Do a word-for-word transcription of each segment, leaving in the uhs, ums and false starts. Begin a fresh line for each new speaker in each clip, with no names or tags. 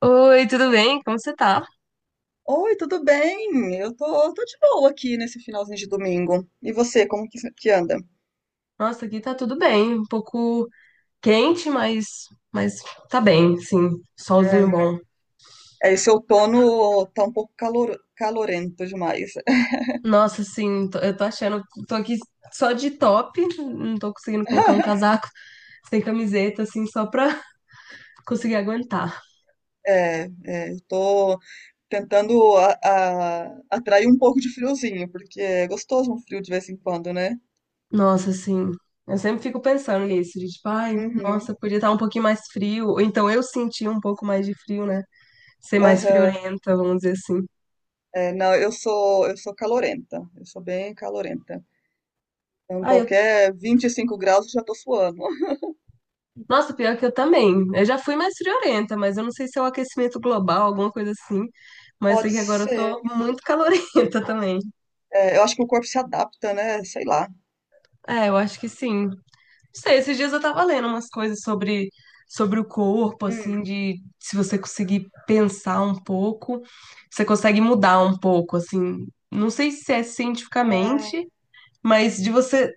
Oi, tudo bem? Como você tá?
Oi, tudo bem? Eu tô, tô de boa aqui nesse finalzinho de domingo. E você, como que, que anda?
Nossa, aqui tá tudo bem. Um pouco quente, mas, mas tá bem, sim. Solzinho
É,
bom.
é, esse outono tá um pouco calor, calorento demais.
Nossa, sim, tô- eu tô achando. Tô aqui só de top, não tô conseguindo colocar um casaco sem camiseta, assim, só pra conseguir aguentar.
É, é, eu tô tentando a- a- atrair um pouco de friozinho, porque é gostoso um frio de vez em quando, né?
Nossa, assim. Eu sempre fico pensando nisso, de tipo, ai,
Uhum,
nossa, podia estar um pouquinho mais frio. Ou então eu senti um pouco mais de frio, né? Ser mais
aham.
friorenta, vamos dizer assim.
É, não, eu sou, eu sou calorenta. Eu sou bem calorenta. Então,
Ah, eu
qualquer vinte e cinco graus eu já tô suando.
Nossa, pior que eu também. Eu já fui mais friorenta, mas eu não sei se é o aquecimento global, alguma coisa assim. Mas sei
Pode
que agora eu
ser.
tô muito calorenta também.
É, eu acho que o corpo se adapta, né? Sei lá.
É, eu acho que sim. Não sei, esses dias eu tava lendo umas coisas sobre, sobre o corpo,
Hum,
assim, de se você conseguir pensar um pouco, você consegue mudar um pouco, assim. Não sei se é
é,
cientificamente, mas de você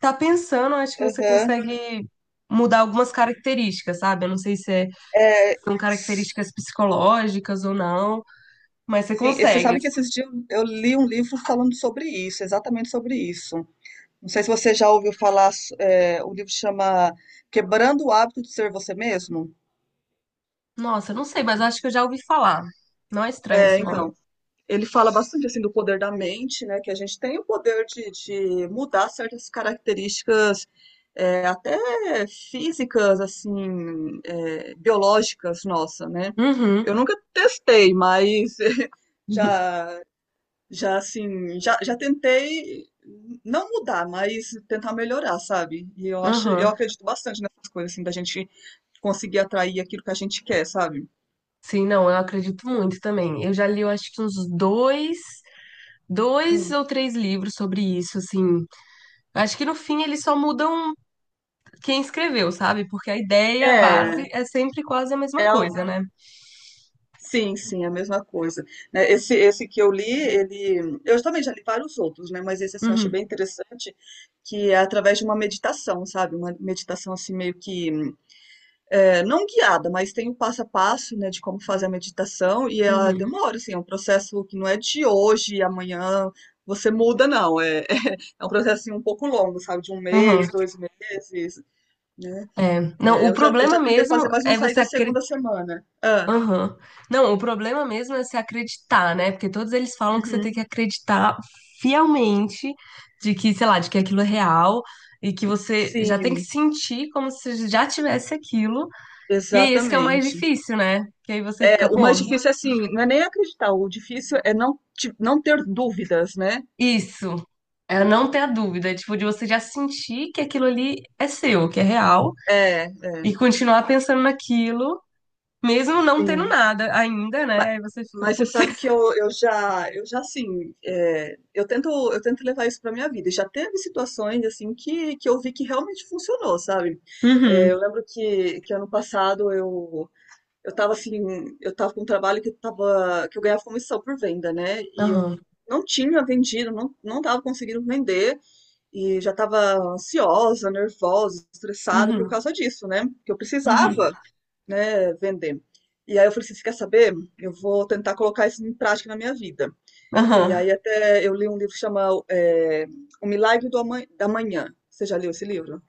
tá pensando, eu acho que você
aham.
consegue mudar algumas características, sabe? Eu não sei se é
É,
são
s-
características psicológicas ou não, mas você
sim, e você
consegue,
sabe
assim.
que esses dias eu li um livro falando sobre isso, exatamente sobre isso. Não sei se você já ouviu falar, s- é, o livro chama Quebrando o Hábito de Ser Você Mesmo.
Nossa, eu não sei, mas acho que eu já ouvi falar. Não é estranho esse
É,
nome.
então, ele fala bastante assim do poder da mente, né? Que a gente tem o poder de, de mudar certas características, é, até físicas, assim, é, biológicas, nossa, né?
Uhum.
Eu nunca testei, mas já Já assim, já, já tentei não mudar, mas tentar melhorar, sabe? E eu acho, eu
Aham.
acredito bastante nessas coisas, assim, da gente conseguir atrair aquilo que a gente quer, sabe?
Sim, não, eu acredito muito também. Eu já li, eu acho que uns dois, dois
Hum.
ou três livros sobre isso, assim. Acho que no fim eles só mudam quem escreveu, sabe? Porque a ideia, a base
É,
é sempre quase a mesma
é, al-
coisa, né?
sim, sim, é a mesma coisa. Né? Esse, esse que eu li, ele, eu também já li vários outros, né? Mas esse assim, eu achei
Uhum.
bem interessante, que é através de uma meditação, sabe? Uma meditação assim meio que é, não guiada, mas tem o passo a passo, né, de como fazer a meditação, e ela
Uhum.
demora, assim, é um processo que não é de hoje e amanhã você muda, não. É, é um processo assim, um pouco longo, sabe, de um
Aham.
mês, dois meses, né?
É. Não,
É,
o
eu já, eu
problema
já tentei
mesmo
fazer, mas não
é
saí
você
da
acre-
segunda semana. Ah,
Aham. Não, o problema mesmo é se acreditar, né? Porque todos eles falam que você tem
uhum.
que acreditar fielmente de que, sei lá, de que aquilo é real e que você já tem que
Sim,
sentir como se já tivesse aquilo. E é esse que é o mais
exatamente.
difícil, né? Que aí você
É,
fica,
o
pô,
mais difícil é assim, não é nem acreditar, o difícil é não, te- não ter dúvidas, né?
isso. É não ter a dúvida, tipo, de você já sentir que aquilo ali é seu, que é real,
É, é,
e continuar pensando naquilo, mesmo não tendo
sim.
nada ainda,
Ma-
né? Aí você fica,
Mas você
putz.
sabe que eu, eu já, eu já assim, é, eu tento, eu tento levar isso para minha vida. E já teve situações assim que, que eu vi que realmente funcionou, sabe? É,
Uhum,
eu lembro que, que ano passado eu eu tava assim, eu tava com um trabalho que eu tava, que eu ganhava comissão por venda, né? E eu
aham,
não tinha vendido, não, não tava conseguindo vender e já tava ansiosa, nervosa, estressada por
uhum,
causa disso, né? Que eu
uhum.
precisava, né, vender. E aí eu falei assim, você quer saber? Eu vou tentar colocar isso em prática na minha vida. E
Aham.
aí até eu li um livro que chama é, O Milagre do Ama- da Manhã. Você já leu esse livro?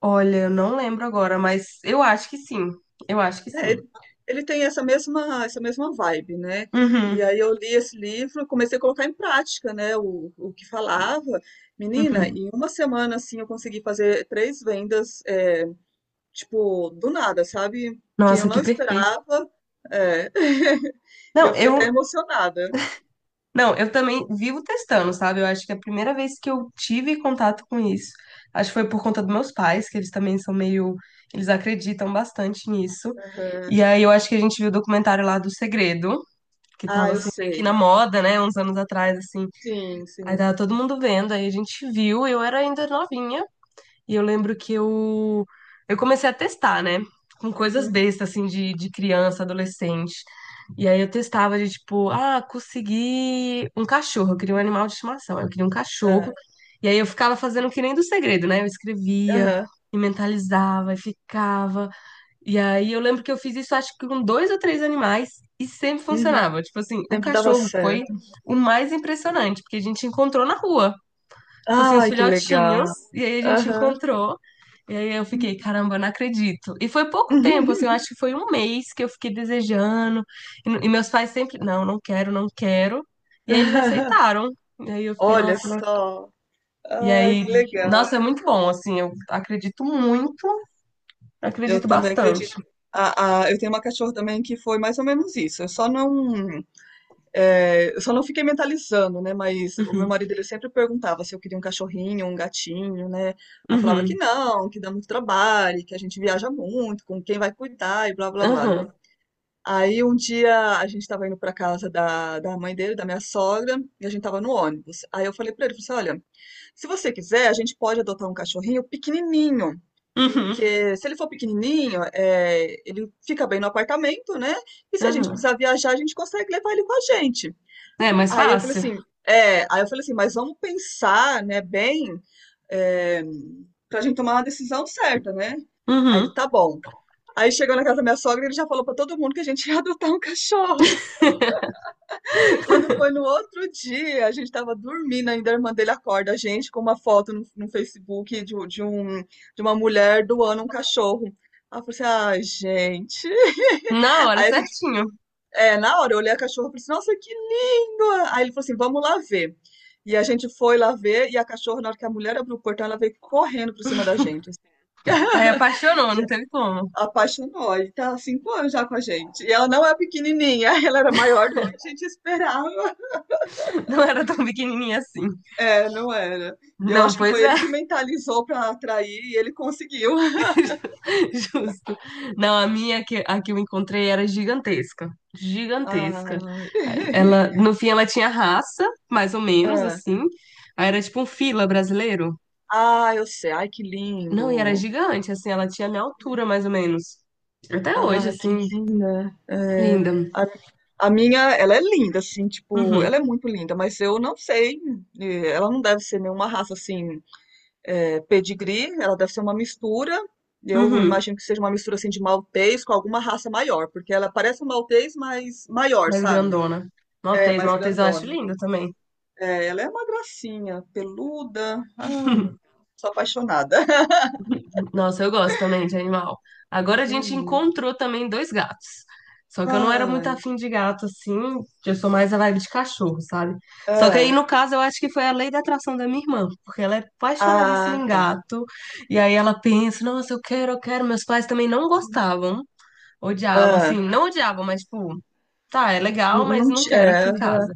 Olha, eu não lembro agora, mas eu acho que sim. Eu acho que
É,
sim.
ele, ele tem essa mesma, essa mesma vibe, né? E
Uhum,
aí eu li esse livro, comecei a colocar em prática, né, o, o que falava. Menina,
uhum.
em uma semana, assim, eu consegui fazer três vendas, é, tipo, do nada, sabe? Que eu
Nossa,
não
que perfeito.
esperava. É. E
Não,
eu fiquei até
eu,
emocionada.
não, eu também vivo testando, sabe? Eu acho que a primeira vez que eu tive contato com isso, acho que foi por conta dos meus pais, que eles também são meio, eles acreditam bastante nisso.
Aham.
E aí eu acho que a gente viu o documentário lá do Segredo, que tava
Ah, eu
assim meio que na
sei.
moda, né, uns anos atrás assim.
Sim,
Aí
sim.
tava todo mundo vendo, aí a gente viu, eu era ainda novinha. E eu lembro que eu, eu comecei a testar, né? Com coisas
Uhum.
bestas, assim, de, de criança, adolescente. E aí eu testava de tipo, ah, consegui um cachorro. Eu queria um animal de estimação. Eu queria um cachorro.
É.
E aí eu ficava fazendo que nem do segredo, né? Eu escrevia
Aham.
e mentalizava e ficava. E aí eu lembro que eu fiz isso, acho que com dois ou três animais. E sempre
Uhum.
funcionava. Tipo assim, o
Sempre dava
cachorro foi
certo.
o mais impressionante, porque a gente encontrou na rua tipo assim, os
Ai, que
filhotinhos,
legal.
e aí a gente
Aham.
encontrou. E aí eu fiquei, caramba, não acredito. E foi pouco tempo, assim, eu
Uhum.
acho que foi um mês que eu fiquei desejando. E, e meus pais sempre, não, não quero, não quero. E aí eles aceitaram. E aí eu fiquei,
Olha
nossa, nossa.
só.
E
Ai,
aí,
que legal.
nossa, é muito bom, assim, eu acredito muito,
Eu
acredito
também acredito.
bastante.
Ah, a, eu tenho uma cachorra também que foi mais ou menos isso. Eu só não. É, eu só não fiquei mentalizando, né? Mas o meu
Uhum,
marido, ele sempre perguntava se eu queria um cachorrinho, um gatinho, né? Ela falava que
uhum,
não, que dá muito trabalho, que a gente viaja muito, com quem vai cuidar e blá blá blá, né?
aham,
Aí um dia a gente estava indo para casa da, da mãe dele, da minha sogra, e a gente estava no ônibus. Aí eu falei para ele, falei assim, olha, se você quiser, a gente pode adotar um cachorrinho pequenininho,
uhum,
porque se ele for pequenininho, é, ele fica bem no apartamento, né? E se a gente
aham.
precisar viajar, a gente consegue levar ele com a gente.
É mais
Aí eu falei
fácil.
assim, é, aí eu falei assim, mas vamos pensar, né, bem, é, pra gente tomar uma decisão certa, né? Aí ele,
Uhum.
tá bom. Aí chegou na casa da minha sogra, e ele já falou pra todo mundo que a gente ia adotar um cachorro. Quando foi no outro dia, a gente tava dormindo, ainda a irmã dele acorda a gente com uma foto no, no Facebook de, um- de um, de uma mulher doando um cachorro. Aí eu falei assim, ai, gente.
Na hora,
Aí a gente
certinho.
É, na hora eu olhei a cachorra e falei assim, nossa, que linda! Aí ele falou assim, vamos lá ver. E a gente foi lá ver, e a cachorra, na hora que a mulher abriu o portão, ela veio correndo por cima da gente, assim,
Aí apaixonou, não
já
teve como.
apaixonou, e tá há cinco anos já com a gente. E ela não é pequenininha, ela era maior do que a gente esperava.
Não era tão pequenininha assim.
É, não era. Eu
Não,
acho que
pois
foi
é,
ele que mentalizou pra atrair, e ele conseguiu.
justo. Não, a minha que, a que eu encontrei era gigantesca.
Ah,
Gigantesca. Ela, no fim, ela tinha raça, mais ou menos,
é.
assim. Aí era tipo um fila brasileiro.
Ah, eu sei. Ai, que
Não, e era
lindo.
gigante, assim, ela tinha a minha altura, mais ou menos. Até hoje,
Ai, que
assim,
linda. É,
linda.
a, a minha, ela é linda, assim, tipo,
Uhum,
ela é muito linda, mas eu não sei, eh, ela não deve ser nenhuma raça, assim, eh, pedigree, ela deve ser uma mistura, eu
uhum.
imagino que seja uma mistura, assim, de maltês com alguma raça maior, porque ela parece um maltês, mas maior,
Mais
sabe?
grandona.
É,
Maltês,
mais
maltês eu acho
grandona.
linda também.
É, ela é uma gracinha, peluda, ai, meu Deus, sou apaixonada.
Nossa, eu gosto também de animal. Agora a gente
Uhum.
encontrou também dois gatos. Só que eu não era muito
Ai,
afim de gato, assim. Eu sou mais a vibe de cachorro, sabe? Só que aí,
ah,
no caso, eu acho que foi a lei da atração da minha irmã, porque ela é apaixonadíssima
ah,
em
tá,
gato. E aí ela pensa, nossa, eu quero, eu quero. Meus pais também não gostavam, odiavam, assim,
ah.
não odiavam, mas tipo, tá, é legal, mas
Não
não
ti
quero aqui
é,
em casa.
aham.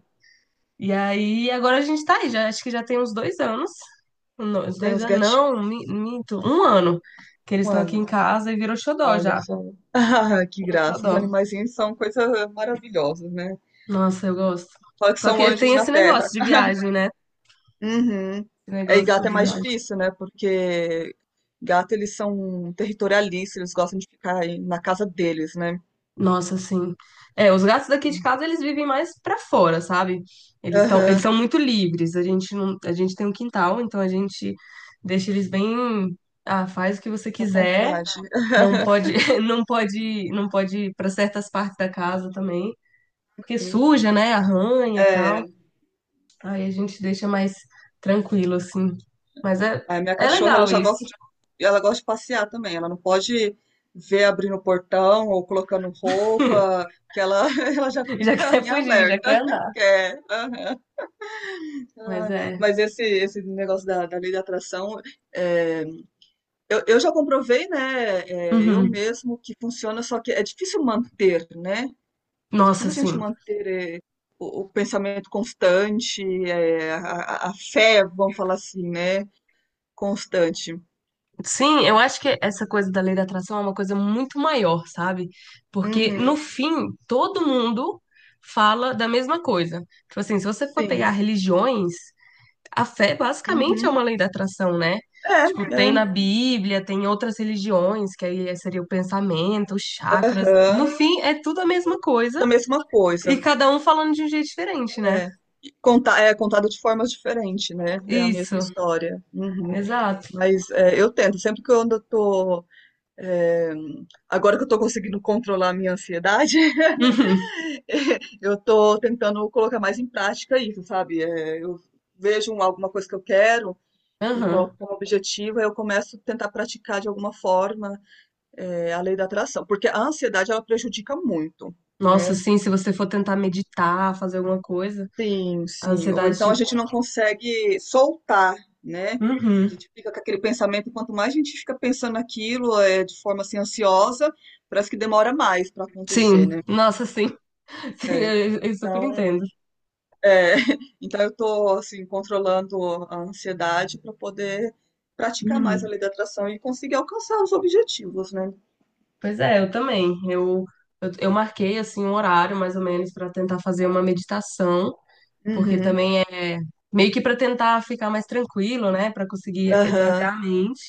E aí, agora a gente tá aí, já, acho que já tem uns dois anos. Um, dois
Que tem
dois
os
anos,
gatinhos,
não, mi- minto, um ano que eles estão aqui em
mano.
casa e virou xodó
Olha
já,
só. Ah, que
virou
graça. Os
xodó.
animaizinhos são coisa maravilhosa, né?
Nossa, eu gosto.
Fala que
Só
são
que
anjos
tem
na
esse
terra.
negócio de viagem, né?
Uhum.
Esse
É, e
negócio
gato é
de
mais
viagem.
difícil, né? Porque gato, eles são territorialistas, eles gostam de ficar aí na casa deles, né?
Nossa, assim. É, os gatos daqui de casa, eles vivem mais pra fora, sabe? Eles estão, eles
Aham.
são muito livres. A gente não, a gente tem um quintal, então a gente deixa eles bem, ah, faz o que você
Tá à
quiser.
vontade.
Não pode, não pode, não pode ir para certas partes da casa também, porque
Uhum.
suja, né? Arranha e tal.
É.
Aí a gente deixa mais tranquilo, assim. Mas é,
A minha
é
cachorra, ela
legal
já
isso.
gosta de, ela gosta de passear também. Ela não pode ver abrindo o portão ou colocando roupa, que ela, ela já
Já
fica
quer
em
fugir, já
alerta.
quer andar.
Quer. Aham.
Mas
Ai,
é.
mas esse, esse negócio da, da lei da atração, é, eu, eu já comprovei, né? é, eu
Uhum.
mesmo que funciona, só que é difícil manter, né? É
Nossa,
difícil a gente
sim.
manter, é, o, o pensamento constante, é, a, a a fé, vamos falar assim, né? Constante.
Sim, eu acho que essa coisa da lei da atração é uma coisa muito maior, sabe? Porque no
Uhum.
fim, todo mundo fala da mesma coisa. Tipo assim, se você for pegar
Sim.
religiões, a fé basicamente é
Uhum.
uma lei da atração, né?
É,
Tipo, tem
é.
na Bíblia, tem outras religiões, que aí seria o pensamento, os chakras. No
Aham.
fim, é tudo a mesma coisa
Da mesma
E
coisa.
cada um falando de um jeito diferente, né?
É. Conta, é contado de formas diferentes, né? É a mesma
Isso,
história. Uhum.
exato.
Mas é, eu tento, sempre que eu ando, eu tô. é, agora que eu tô conseguindo controlar a minha ansiedade,
Uhum,
eu tô tentando colocar mais em prática isso, sabe? É, eu vejo um- alguma coisa que eu quero e coloco
aham.
como objetivo, aí eu começo a tentar praticar de alguma forma. É, a lei da atração, porque a ansiedade, ela prejudica muito,
Nossa,
né?
sim, se você for tentar meditar, fazer alguma coisa,
Sim,
a
sim. Ou
ansiedade,
então a
tipo.
gente não consegue soltar, né? A
Uhum.
gente fica com aquele pensamento, quanto mais a gente fica pensando naquilo, é, de forma assim, ansiosa, parece que demora mais para acontecer,
Sim,
né?
nossa, sim, sim,
É,
eu, eu super
então,
entendo.
é, então eu tô assim, controlando a ansiedade para poder praticar mais a
Uhum.
lei da atração e conseguir alcançar os objetivos, né?
Pois é, eu também. Eu, eu, eu marquei, assim, um horário, mais ou menos, para tentar fazer uma meditação, porque
Uhum,
também é meio que para tentar ficar mais tranquilo, né? Para conseguir
aham.
esvaziar a mente.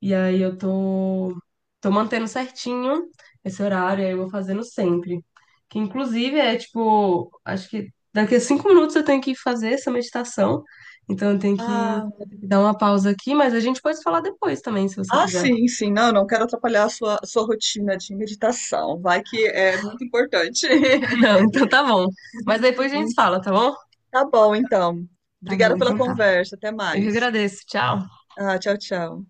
E aí eu tô, tô mantendo certinho esse horário, aí eu vou fazendo sempre. Que inclusive é tipo, acho que daqui a cinco minutos eu tenho que fazer essa meditação. Então eu tenho que,
Ah,
vou ter que dar uma pausa aqui, mas a gente pode falar depois também, se você
ah,
quiser.
sim, sim. Não, não quero atrapalhar a sua, a sua rotina de meditação. Vai que é muito importante.
Não, então tá bom. Mas depois a gente
Em-
fala, tá bom?
Tá bom, então.
Tá bom,
Obrigada pela
então tá.
conversa. Até
Eu que
mais.
agradeço. Tchau.
Ah, tchau, tchau.